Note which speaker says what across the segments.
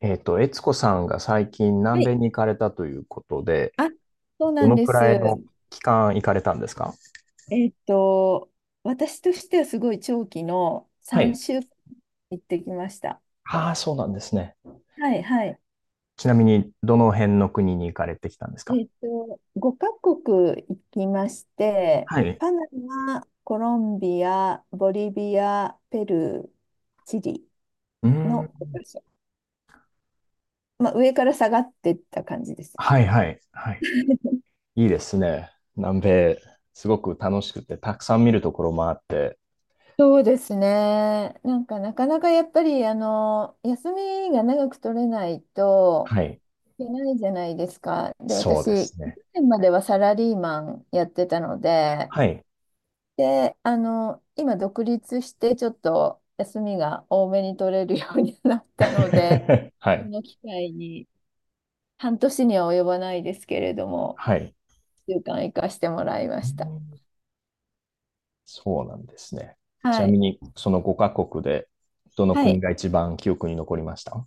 Speaker 1: 悦子さんが最近
Speaker 2: は
Speaker 1: 南
Speaker 2: い。
Speaker 1: 米に行かれたということで、
Speaker 2: あ、そう
Speaker 1: ど
Speaker 2: なん
Speaker 1: の
Speaker 2: で
Speaker 1: くらいの
Speaker 2: す。
Speaker 1: 期間行かれたんですか？
Speaker 2: えっと、私としてはすごい長期の
Speaker 1: はい。
Speaker 2: 3週間行ってきました。
Speaker 1: ああ、そうなんですね。
Speaker 2: はい、はい。
Speaker 1: ちなみに、どの辺の国に行かれてきたんですか？
Speaker 2: 5カ国行きまして、
Speaker 1: はい。
Speaker 2: パナマ、コロンビア、ボリビア、ペルー、チリ
Speaker 1: うー
Speaker 2: のご
Speaker 1: ん。
Speaker 2: かしょ、まあ、上から下がってった感じです。
Speaker 1: はいはい。はい。いいですね。南米、すごく楽しくて、たくさん見るところもあって。
Speaker 2: そうですね。なんかなかなかやっぱりあの休みが長く取れないと
Speaker 1: はい。
Speaker 2: じゃないですか。で、
Speaker 1: そうで
Speaker 2: 私、去
Speaker 1: すね。
Speaker 2: 年まではサラリーマンやってたので、
Speaker 1: はい。
Speaker 2: で、今独立してちょっと休みが多めに取れるようになったので、
Speaker 1: は
Speaker 2: こ
Speaker 1: い。
Speaker 2: の機会に半年には及ばないですけれども、
Speaker 1: はい。
Speaker 2: 1週間行かしてもらいま
Speaker 1: う
Speaker 2: した。
Speaker 1: ん、そうなんですね。ちな
Speaker 2: は
Speaker 1: み
Speaker 2: い。
Speaker 1: に、その5カ国で、どの
Speaker 2: はい。や
Speaker 1: 国が
Speaker 2: っ
Speaker 1: 一番記憶に残りました？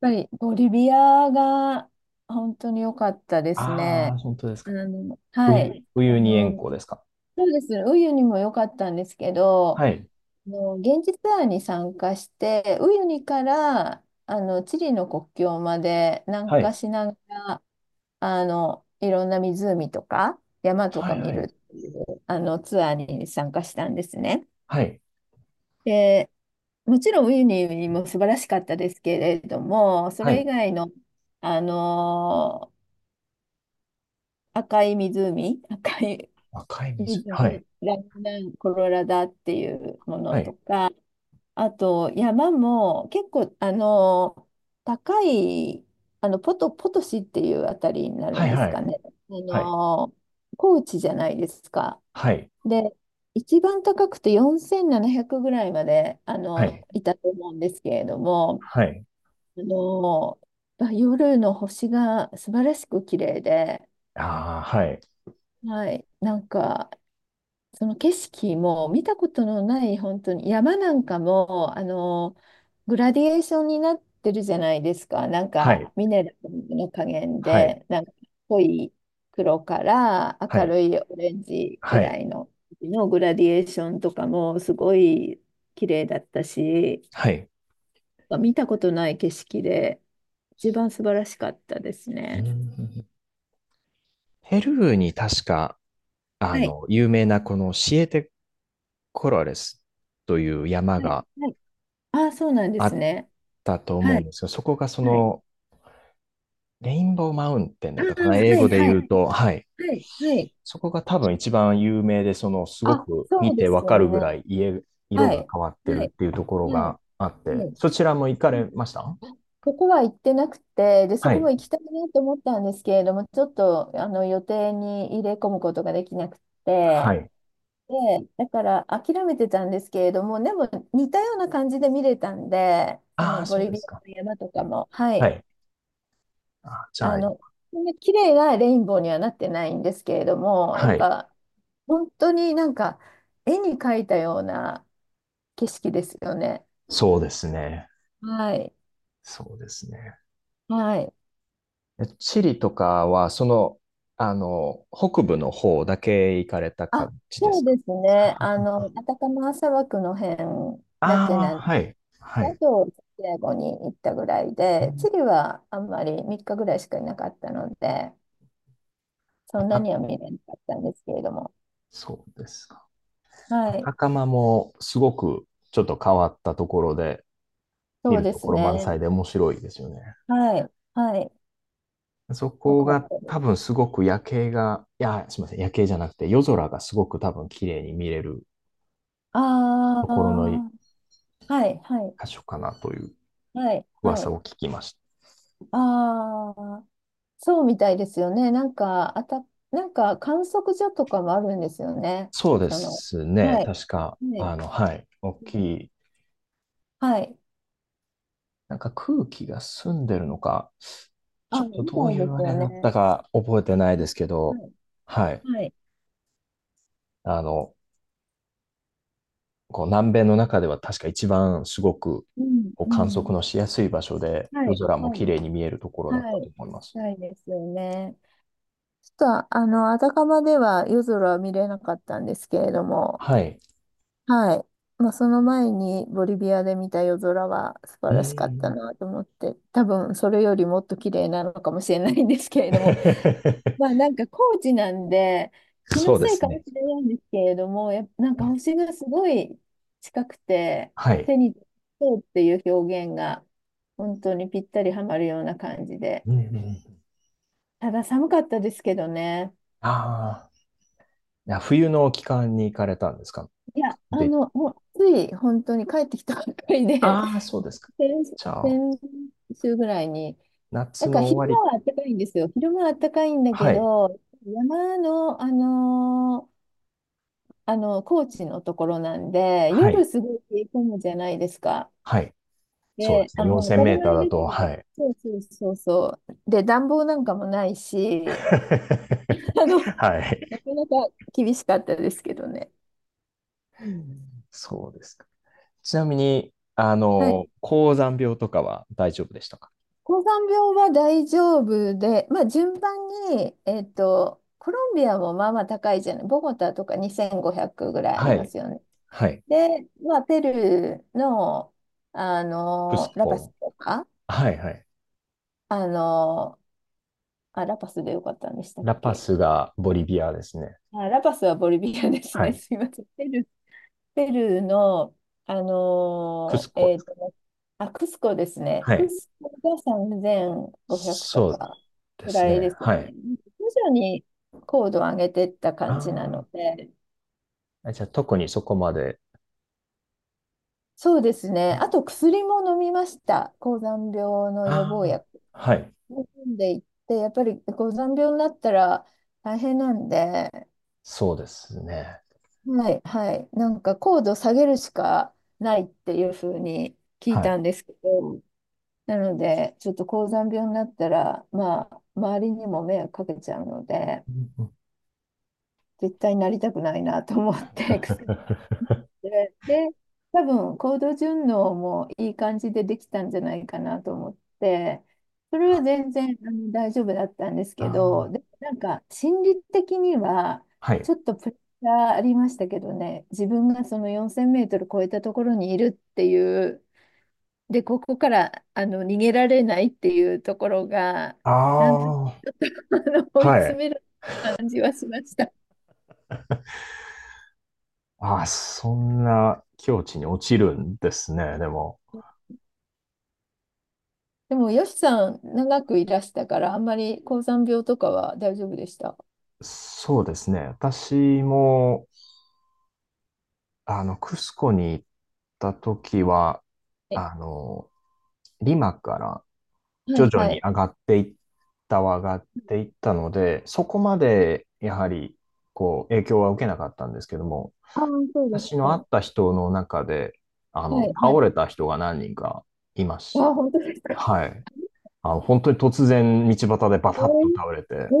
Speaker 2: ぱりボリビアが本当に良かったです
Speaker 1: ああ
Speaker 2: ね。
Speaker 1: ー、本当ですか。
Speaker 2: はい。
Speaker 1: ウ
Speaker 2: あ
Speaker 1: ユニ
Speaker 2: の、
Speaker 1: 塩湖ですか。
Speaker 2: そうです。ウユニも良かったんですけど、
Speaker 1: はい。
Speaker 2: 現地ツアーに参加して、ウユニからチリの国境まで南
Speaker 1: は
Speaker 2: 下
Speaker 1: い。
Speaker 2: しながら、いろんな湖とか山と
Speaker 1: はい
Speaker 2: か見
Speaker 1: は
Speaker 2: る
Speaker 1: い。
Speaker 2: っていうあのツアーに参加したんですね。
Speaker 1: はい。
Speaker 2: で、もちろんウユニも素晴らしかったですけれども、そ
Speaker 1: は
Speaker 2: れ以
Speaker 1: い。
Speaker 2: 外の、あの赤い湖、赤い
Speaker 1: 赤い湖。はい。
Speaker 2: 湖、ラグナンコロラダっていうもの
Speaker 1: は
Speaker 2: と
Speaker 1: い。
Speaker 2: か、あと、山も結構、高い、ポトシっていうあたりになる
Speaker 1: は
Speaker 2: んですか
Speaker 1: い。
Speaker 2: ね。あ
Speaker 1: はい。
Speaker 2: の、高地じゃないですか。
Speaker 1: はい。
Speaker 2: で、一番高くて4700ぐらいまで、
Speaker 1: はい。はい。
Speaker 2: いたと思うんですけれども、
Speaker 1: はい。
Speaker 2: あの、夜の星が素晴らしく綺麗で、
Speaker 1: ああ、はい。
Speaker 2: はい、なんか、その景色も見たことのない本当に山なんかもグラディエーションになってるじゃないですか、なん
Speaker 1: は
Speaker 2: か
Speaker 1: い。
Speaker 2: ミネラルの加減
Speaker 1: はい。
Speaker 2: でなんか濃い黒から
Speaker 1: は
Speaker 2: 明
Speaker 1: い。
Speaker 2: るいオレンジぐ
Speaker 1: はい。
Speaker 2: らいのグラディエーションとかもすごい綺麗だったし、
Speaker 1: はい。
Speaker 2: 見たことない景色で一番素晴らしかったです
Speaker 1: う
Speaker 2: ね。
Speaker 1: ん。ペルーに確か、
Speaker 2: はい、
Speaker 1: 有名なこのシエテコロレスという山
Speaker 2: はい、
Speaker 1: が
Speaker 2: はい。ああ、そうなんで
Speaker 1: あ
Speaker 2: す
Speaker 1: っ
Speaker 2: ね。
Speaker 1: たと思
Speaker 2: は
Speaker 1: うん
Speaker 2: い、
Speaker 1: ですよ。そこがそ
Speaker 2: はい。
Speaker 1: の、レインボーマウンテン
Speaker 2: あ
Speaker 1: だったか
Speaker 2: あ、
Speaker 1: な、英
Speaker 2: は
Speaker 1: 語
Speaker 2: い、
Speaker 1: で
Speaker 2: は
Speaker 1: 言
Speaker 2: い、
Speaker 1: うと、はい。
Speaker 2: はい、はい。
Speaker 1: そこが多分一番有名で、その、すご
Speaker 2: あ、
Speaker 1: く見
Speaker 2: そうで
Speaker 1: てわ
Speaker 2: す
Speaker 1: か
Speaker 2: よ
Speaker 1: るぐ
Speaker 2: ね。
Speaker 1: らい家、色
Speaker 2: は
Speaker 1: が
Speaker 2: い。
Speaker 1: 変わって
Speaker 2: は
Speaker 1: る
Speaker 2: い。
Speaker 1: っていうところ
Speaker 2: はい。
Speaker 1: があっ
Speaker 2: は
Speaker 1: て、
Speaker 2: い。
Speaker 1: そちらも行か
Speaker 2: うん。
Speaker 1: れました？
Speaker 2: そこは行ってなくて、で、そ
Speaker 1: は
Speaker 2: こも
Speaker 1: い。
Speaker 2: 行きたいなと思ったんですけれども、ちょっと予定に入れ込むことができなく
Speaker 1: は
Speaker 2: て、
Speaker 1: い。
Speaker 2: で、だから諦めてたんですけれども、でも似たような感じで見れたんで、そ
Speaker 1: あ
Speaker 2: の
Speaker 1: あ、
Speaker 2: ボ
Speaker 1: そう
Speaker 2: リ
Speaker 1: で
Speaker 2: ビ
Speaker 1: す
Speaker 2: ア
Speaker 1: か。
Speaker 2: の山とかも、は
Speaker 1: は
Speaker 2: い、
Speaker 1: い。あ、じゃ
Speaker 2: あ
Speaker 1: あ、
Speaker 2: の、そんな綺麗なレインボーにはなってないんですけれども、やっ
Speaker 1: はい。
Speaker 2: ぱ本当になんか絵に描いたような景色ですよね。
Speaker 1: そうですね。
Speaker 2: はい。
Speaker 1: そうですね。
Speaker 2: はい。
Speaker 1: えチリとかは、その、北部の方だけ行かれた感
Speaker 2: あ、
Speaker 1: じで
Speaker 2: そ
Speaker 1: す
Speaker 2: う
Speaker 1: か？
Speaker 2: ですね。
Speaker 1: あ、
Speaker 2: アタカマ砂漠の辺だけ
Speaker 1: ああ、
Speaker 2: なんで、
Speaker 1: はい。は
Speaker 2: あ
Speaker 1: い。
Speaker 2: と、サンディエゴに行ったぐらい
Speaker 1: う
Speaker 2: で、チ
Speaker 1: ん、
Speaker 2: リはあんまり3日ぐらいしかいなかったので、そ
Speaker 1: あ
Speaker 2: んな
Speaker 1: た、
Speaker 2: には見れなかったんですけれども。
Speaker 1: そうですか。
Speaker 2: はい。
Speaker 1: 赤釜もすごくちょっと変わったところで、見
Speaker 2: そう
Speaker 1: る
Speaker 2: で
Speaker 1: と
Speaker 2: す
Speaker 1: ころ満
Speaker 2: ね。
Speaker 1: 載で面白いですよね。
Speaker 2: はい。はい。
Speaker 1: そ
Speaker 2: よ
Speaker 1: こ
Speaker 2: かっ
Speaker 1: が
Speaker 2: たで
Speaker 1: 多
Speaker 2: す。
Speaker 1: 分すごく夜景が、いや、すみません、夜景じゃなくて夜空がすごく多分綺麗に見れる
Speaker 2: あ
Speaker 1: ところの一
Speaker 2: あ、はい、はい、
Speaker 1: 箇所かなという
Speaker 2: はい、は
Speaker 1: 噂
Speaker 2: い。
Speaker 1: を聞きました。
Speaker 2: ああ、そうみたいですよね。なんか、なんか観測所とかもあるんですよね。
Speaker 1: そうで
Speaker 2: その、
Speaker 1: すね、
Speaker 2: はい。
Speaker 1: 確か、
Speaker 2: はい。
Speaker 1: はい、大きい、
Speaker 2: はい。
Speaker 1: なんか空気が澄んでるのか、ち
Speaker 2: あ、
Speaker 1: ょっと
Speaker 2: みた
Speaker 1: どう
Speaker 2: い
Speaker 1: い
Speaker 2: で
Speaker 1: う
Speaker 2: す
Speaker 1: あ
Speaker 2: よ
Speaker 1: れだっ
Speaker 2: ね。
Speaker 1: たか覚えてない
Speaker 2: う
Speaker 1: で
Speaker 2: ん。
Speaker 1: すけ
Speaker 2: は
Speaker 1: ど、
Speaker 2: い。
Speaker 1: はい。
Speaker 2: はい。
Speaker 1: あの、こう南米の中では確か一番すごく
Speaker 2: うん。
Speaker 1: こう
Speaker 2: う
Speaker 1: 観
Speaker 2: ん。
Speaker 1: 測のしやすい場所で、
Speaker 2: は
Speaker 1: 夜
Speaker 2: い。
Speaker 1: 空も
Speaker 2: は
Speaker 1: 綺
Speaker 2: い。
Speaker 1: 麗に見えるところだっ
Speaker 2: は
Speaker 1: たと
Speaker 2: い。
Speaker 1: 思います。
Speaker 2: ないですよね。ちょっと、あたかまでは夜空は見れなかったんですけれども、
Speaker 1: はい。
Speaker 2: はい。まあ、その前にボリビアで見た夜空は素
Speaker 1: う
Speaker 2: 晴
Speaker 1: ー
Speaker 2: らしかった
Speaker 1: ん。
Speaker 2: なと思って、多分それよりもっと綺麗なのかもしれないんですけれども、まあ なんか高知なんで、気の
Speaker 1: そうで
Speaker 2: せい
Speaker 1: す
Speaker 2: かも
Speaker 1: ね。
Speaker 2: しれないんですけれども、やっぱなんか星がすごい近くて、
Speaker 1: はい。
Speaker 2: 手にそうっていう表現が本当にぴったりはまるような感じで。
Speaker 1: うんうん。
Speaker 2: ただ寒かったですけどね。
Speaker 1: ああ、いや冬の期間に行かれたんですか
Speaker 2: いや、
Speaker 1: 僕で、
Speaker 2: もうつい本当に帰ってきたばっかりで、
Speaker 1: ああ、そうですか。
Speaker 2: 先、
Speaker 1: じゃあ、
Speaker 2: 先週ぐらいに。な
Speaker 1: 夏
Speaker 2: んか
Speaker 1: の
Speaker 2: 昼間
Speaker 1: 終わり。
Speaker 2: は暖かいんですよ。昼間は暖かいんだけ
Speaker 1: はい。
Speaker 2: ど、山の、高知のところなんで、
Speaker 1: は
Speaker 2: 夜
Speaker 1: い。
Speaker 2: すごい冷え込むじゃないですか。
Speaker 1: はい。そうで
Speaker 2: で、
Speaker 1: すね。
Speaker 2: まあ当
Speaker 1: 4000
Speaker 2: た
Speaker 1: メ
Speaker 2: り
Speaker 1: ーター
Speaker 2: 前
Speaker 1: だ
Speaker 2: です
Speaker 1: と、
Speaker 2: け
Speaker 1: は
Speaker 2: ど、
Speaker 1: い。
Speaker 2: そうそうそうそう。で、暖房なんかもないし、あの、
Speaker 1: はい。
Speaker 2: なかなか厳しかったですけどね。
Speaker 1: そうですか。ちなみに、
Speaker 2: はい。
Speaker 1: 高山病とかは大丈夫でしたか？
Speaker 2: 高山病は大丈夫で、まあ順番に、コロンビアもまあまあ高いじゃない。ボゴタとか2500ぐらいあり
Speaker 1: は
Speaker 2: ま
Speaker 1: い。
Speaker 2: すよね。
Speaker 1: はい。
Speaker 2: で、まあペルーの、
Speaker 1: クス
Speaker 2: ラパス
Speaker 1: コ。
Speaker 2: とか、
Speaker 1: はいはい。
Speaker 2: あの、あ、ラパスでよかったんでしたっ
Speaker 1: ラパ
Speaker 2: け？
Speaker 1: スがボリビアですね。
Speaker 2: あ、ラパスはボリビアです
Speaker 1: は
Speaker 2: ね。
Speaker 1: い。
Speaker 2: すいません。ペルーの、あ
Speaker 1: クス
Speaker 2: のー
Speaker 1: コ
Speaker 2: え
Speaker 1: です
Speaker 2: ー
Speaker 1: か。
Speaker 2: と、あ、クスコですね。
Speaker 1: は
Speaker 2: ク
Speaker 1: い。
Speaker 2: スコが3500と
Speaker 1: そう
Speaker 2: か
Speaker 1: で
Speaker 2: ぐ
Speaker 1: す
Speaker 2: らい
Speaker 1: ね。
Speaker 2: ですよ
Speaker 1: はい。
Speaker 2: ね。徐々に高度を上げていった感
Speaker 1: あ
Speaker 2: じなので、
Speaker 1: あ。じゃあ特にそこまで。
Speaker 2: そうですね。あと薬も飲みました。高山病の予防
Speaker 1: ああ。
Speaker 2: 薬。
Speaker 1: はい。
Speaker 2: 飲んでいって、やっぱり高山病になったら大変なんで、
Speaker 1: そうですね。
Speaker 2: はい、はい。なんか高度下げるしかないっていうふうに聞い
Speaker 1: は
Speaker 2: た
Speaker 1: い。
Speaker 2: んですけど、なので、ちょっと高山病になったら、まあ、周りにも迷惑かけちゃうので、
Speaker 1: うんうん、
Speaker 2: 絶対なりたくないなと思って、薬で、多分行動順応もいい感じでできたんじゃないかなと思って、それ
Speaker 1: あ
Speaker 2: は全然大丈夫だったんですけ
Speaker 1: あ
Speaker 2: ど、
Speaker 1: ー。
Speaker 2: で、なんか心理的には
Speaker 1: はい。
Speaker 2: ちょっとプレッシャーありましたけどね、自分がその4000メートル超えたところにいるっていう、で、ここから逃げられないっていうところが、
Speaker 1: あ
Speaker 2: なんとか
Speaker 1: あ。
Speaker 2: あ追い
Speaker 1: は
Speaker 2: 詰
Speaker 1: い。
Speaker 2: める感じはしました。
Speaker 1: ああ、そんな境地に落ちるんですね。でも、
Speaker 2: でも、よしさん、長くいらしたから、あんまり高山病とかは大丈夫でした？
Speaker 1: そうですね。私も、クスコに行った時は、
Speaker 2: はい、
Speaker 1: あの、リマから
Speaker 2: は
Speaker 1: 徐
Speaker 2: い。
Speaker 1: 々
Speaker 2: は
Speaker 1: に
Speaker 2: い、
Speaker 1: 上がっていったので、そこまでやはり、こう、影響は受けなかったんですけども、
Speaker 2: ああ、そうです
Speaker 1: 私
Speaker 2: か。
Speaker 1: の会
Speaker 2: は
Speaker 1: った人の中で、
Speaker 2: い。は
Speaker 1: 倒れ
Speaker 2: い。
Speaker 1: た人が何人かいま
Speaker 2: あ、
Speaker 1: し
Speaker 2: 本当ですか。
Speaker 1: た。はい。本当に突然道端でバタッと倒れて、
Speaker 2: えー、え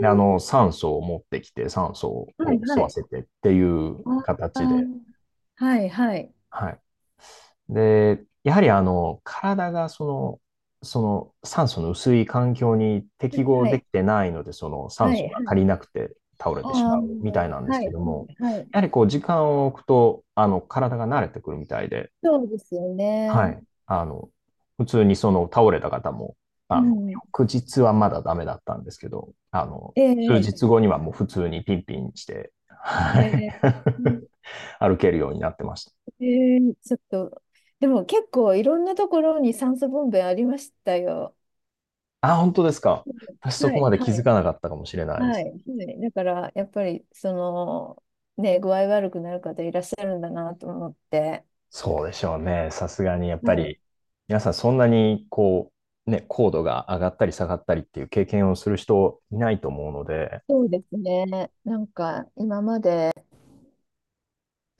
Speaker 1: で、酸素を持ってきて、酸素を
Speaker 2: は
Speaker 1: こ
Speaker 2: い、
Speaker 1: う吸
Speaker 2: は
Speaker 1: わ
Speaker 2: い。
Speaker 1: せてっていう
Speaker 2: ああ
Speaker 1: 形で、
Speaker 2: ー、はい、はい。
Speaker 1: はい。で、やはり体がその、その酸素の薄い環境に
Speaker 2: は
Speaker 1: 適
Speaker 2: い、
Speaker 1: 合
Speaker 2: は
Speaker 1: で
Speaker 2: い、
Speaker 1: きてないので、その酸
Speaker 2: は
Speaker 1: 素
Speaker 2: い。は
Speaker 1: が足り
Speaker 2: い。
Speaker 1: なくて倒れ
Speaker 2: あ
Speaker 1: てし
Speaker 2: あ、
Speaker 1: まうみたいなんです
Speaker 2: はい、は
Speaker 1: け
Speaker 2: い、
Speaker 1: ども、
Speaker 2: はい。
Speaker 1: やはりこう時間を置くと、体が慣れてくるみたいで、
Speaker 2: そうですよ
Speaker 1: は
Speaker 2: ね。
Speaker 1: い。普通にその倒れた方も、
Speaker 2: う
Speaker 1: あの、
Speaker 2: ん。
Speaker 1: 翌日はまだダメだったんですけど、
Speaker 2: え
Speaker 1: 数
Speaker 2: え、
Speaker 1: 日後にはもう普通にピンピンして、は
Speaker 2: え
Speaker 1: い。
Speaker 2: え、うん。
Speaker 1: 歩けるようになってました。
Speaker 2: ええ、ちょっと、でも結構いろんなところに酸素ボンベありましたよ。
Speaker 1: あ、本当ですか。私そ
Speaker 2: は
Speaker 1: こ
Speaker 2: い、
Speaker 1: まで気
Speaker 2: は
Speaker 1: づ
Speaker 2: い。
Speaker 1: かなかったかもしれないで
Speaker 2: はい、
Speaker 1: す。
Speaker 2: はい。だから、やっぱり、ね、具合悪くなる方いらっしゃるんだなと思って。
Speaker 1: そうでしょうね。さすがにやっぱ
Speaker 2: はい。
Speaker 1: り、皆さんそんなにこう、ね、高度が上がったり下がったりっていう経験をする人いないと思うので、
Speaker 2: そうですね。なんか、今まで、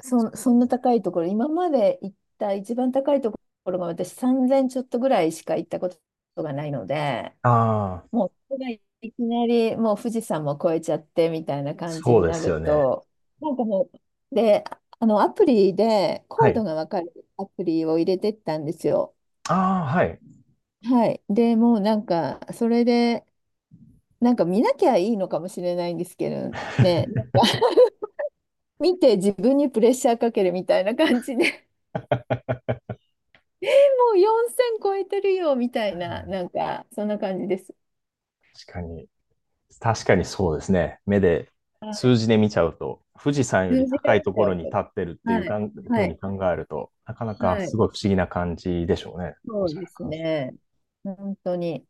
Speaker 2: そんな高いところ、今まで行った一番高いところが私3000ちょっとぐらいしか行ったことがないので、
Speaker 1: ああ、
Speaker 2: もう、それがいきなり、もう富士山も越えちゃってみたいな感じ
Speaker 1: そ
Speaker 2: に
Speaker 1: うで
Speaker 2: な
Speaker 1: す
Speaker 2: る
Speaker 1: よね。
Speaker 2: と、なんかもう、で、アプリで、コ
Speaker 1: は
Speaker 2: ー
Speaker 1: い。
Speaker 2: ドがわかるアプリを入れてったんですよ。
Speaker 1: ああ、はい。
Speaker 2: はい。でもうなんか、それで、なんか見なきゃいいのかもしれないんですけどね、なんか 見て自分にプレッシャーかけるみたいな感じで もう4000超えてるよみたいな、なんか、そんな感じです。
Speaker 1: 確かに。確かにそうですね。目で、
Speaker 2: は
Speaker 1: 数
Speaker 2: い。
Speaker 1: 字で見ちゃうと、富士山よ
Speaker 2: 数
Speaker 1: り
Speaker 2: 字が
Speaker 1: 高い
Speaker 2: 出
Speaker 1: と
Speaker 2: ち
Speaker 1: こ
Speaker 2: ゃ
Speaker 1: ろ
Speaker 2: う
Speaker 1: に立
Speaker 2: と。
Speaker 1: ってるっていう
Speaker 2: はい。
Speaker 1: かんふ
Speaker 2: は
Speaker 1: うに
Speaker 2: い。
Speaker 1: 考えると、なかなか
Speaker 2: は
Speaker 1: す
Speaker 2: い。
Speaker 1: ごい不思議な感じでしょうね。お
Speaker 2: そう
Speaker 1: そら
Speaker 2: で
Speaker 1: く。
Speaker 2: すね。本当に。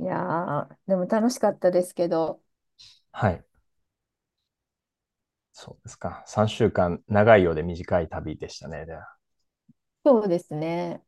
Speaker 2: いやー、でも楽しかったですけど、
Speaker 1: はい。そうですか。3週間、長いようで短い旅でしたね。では
Speaker 2: そうですね。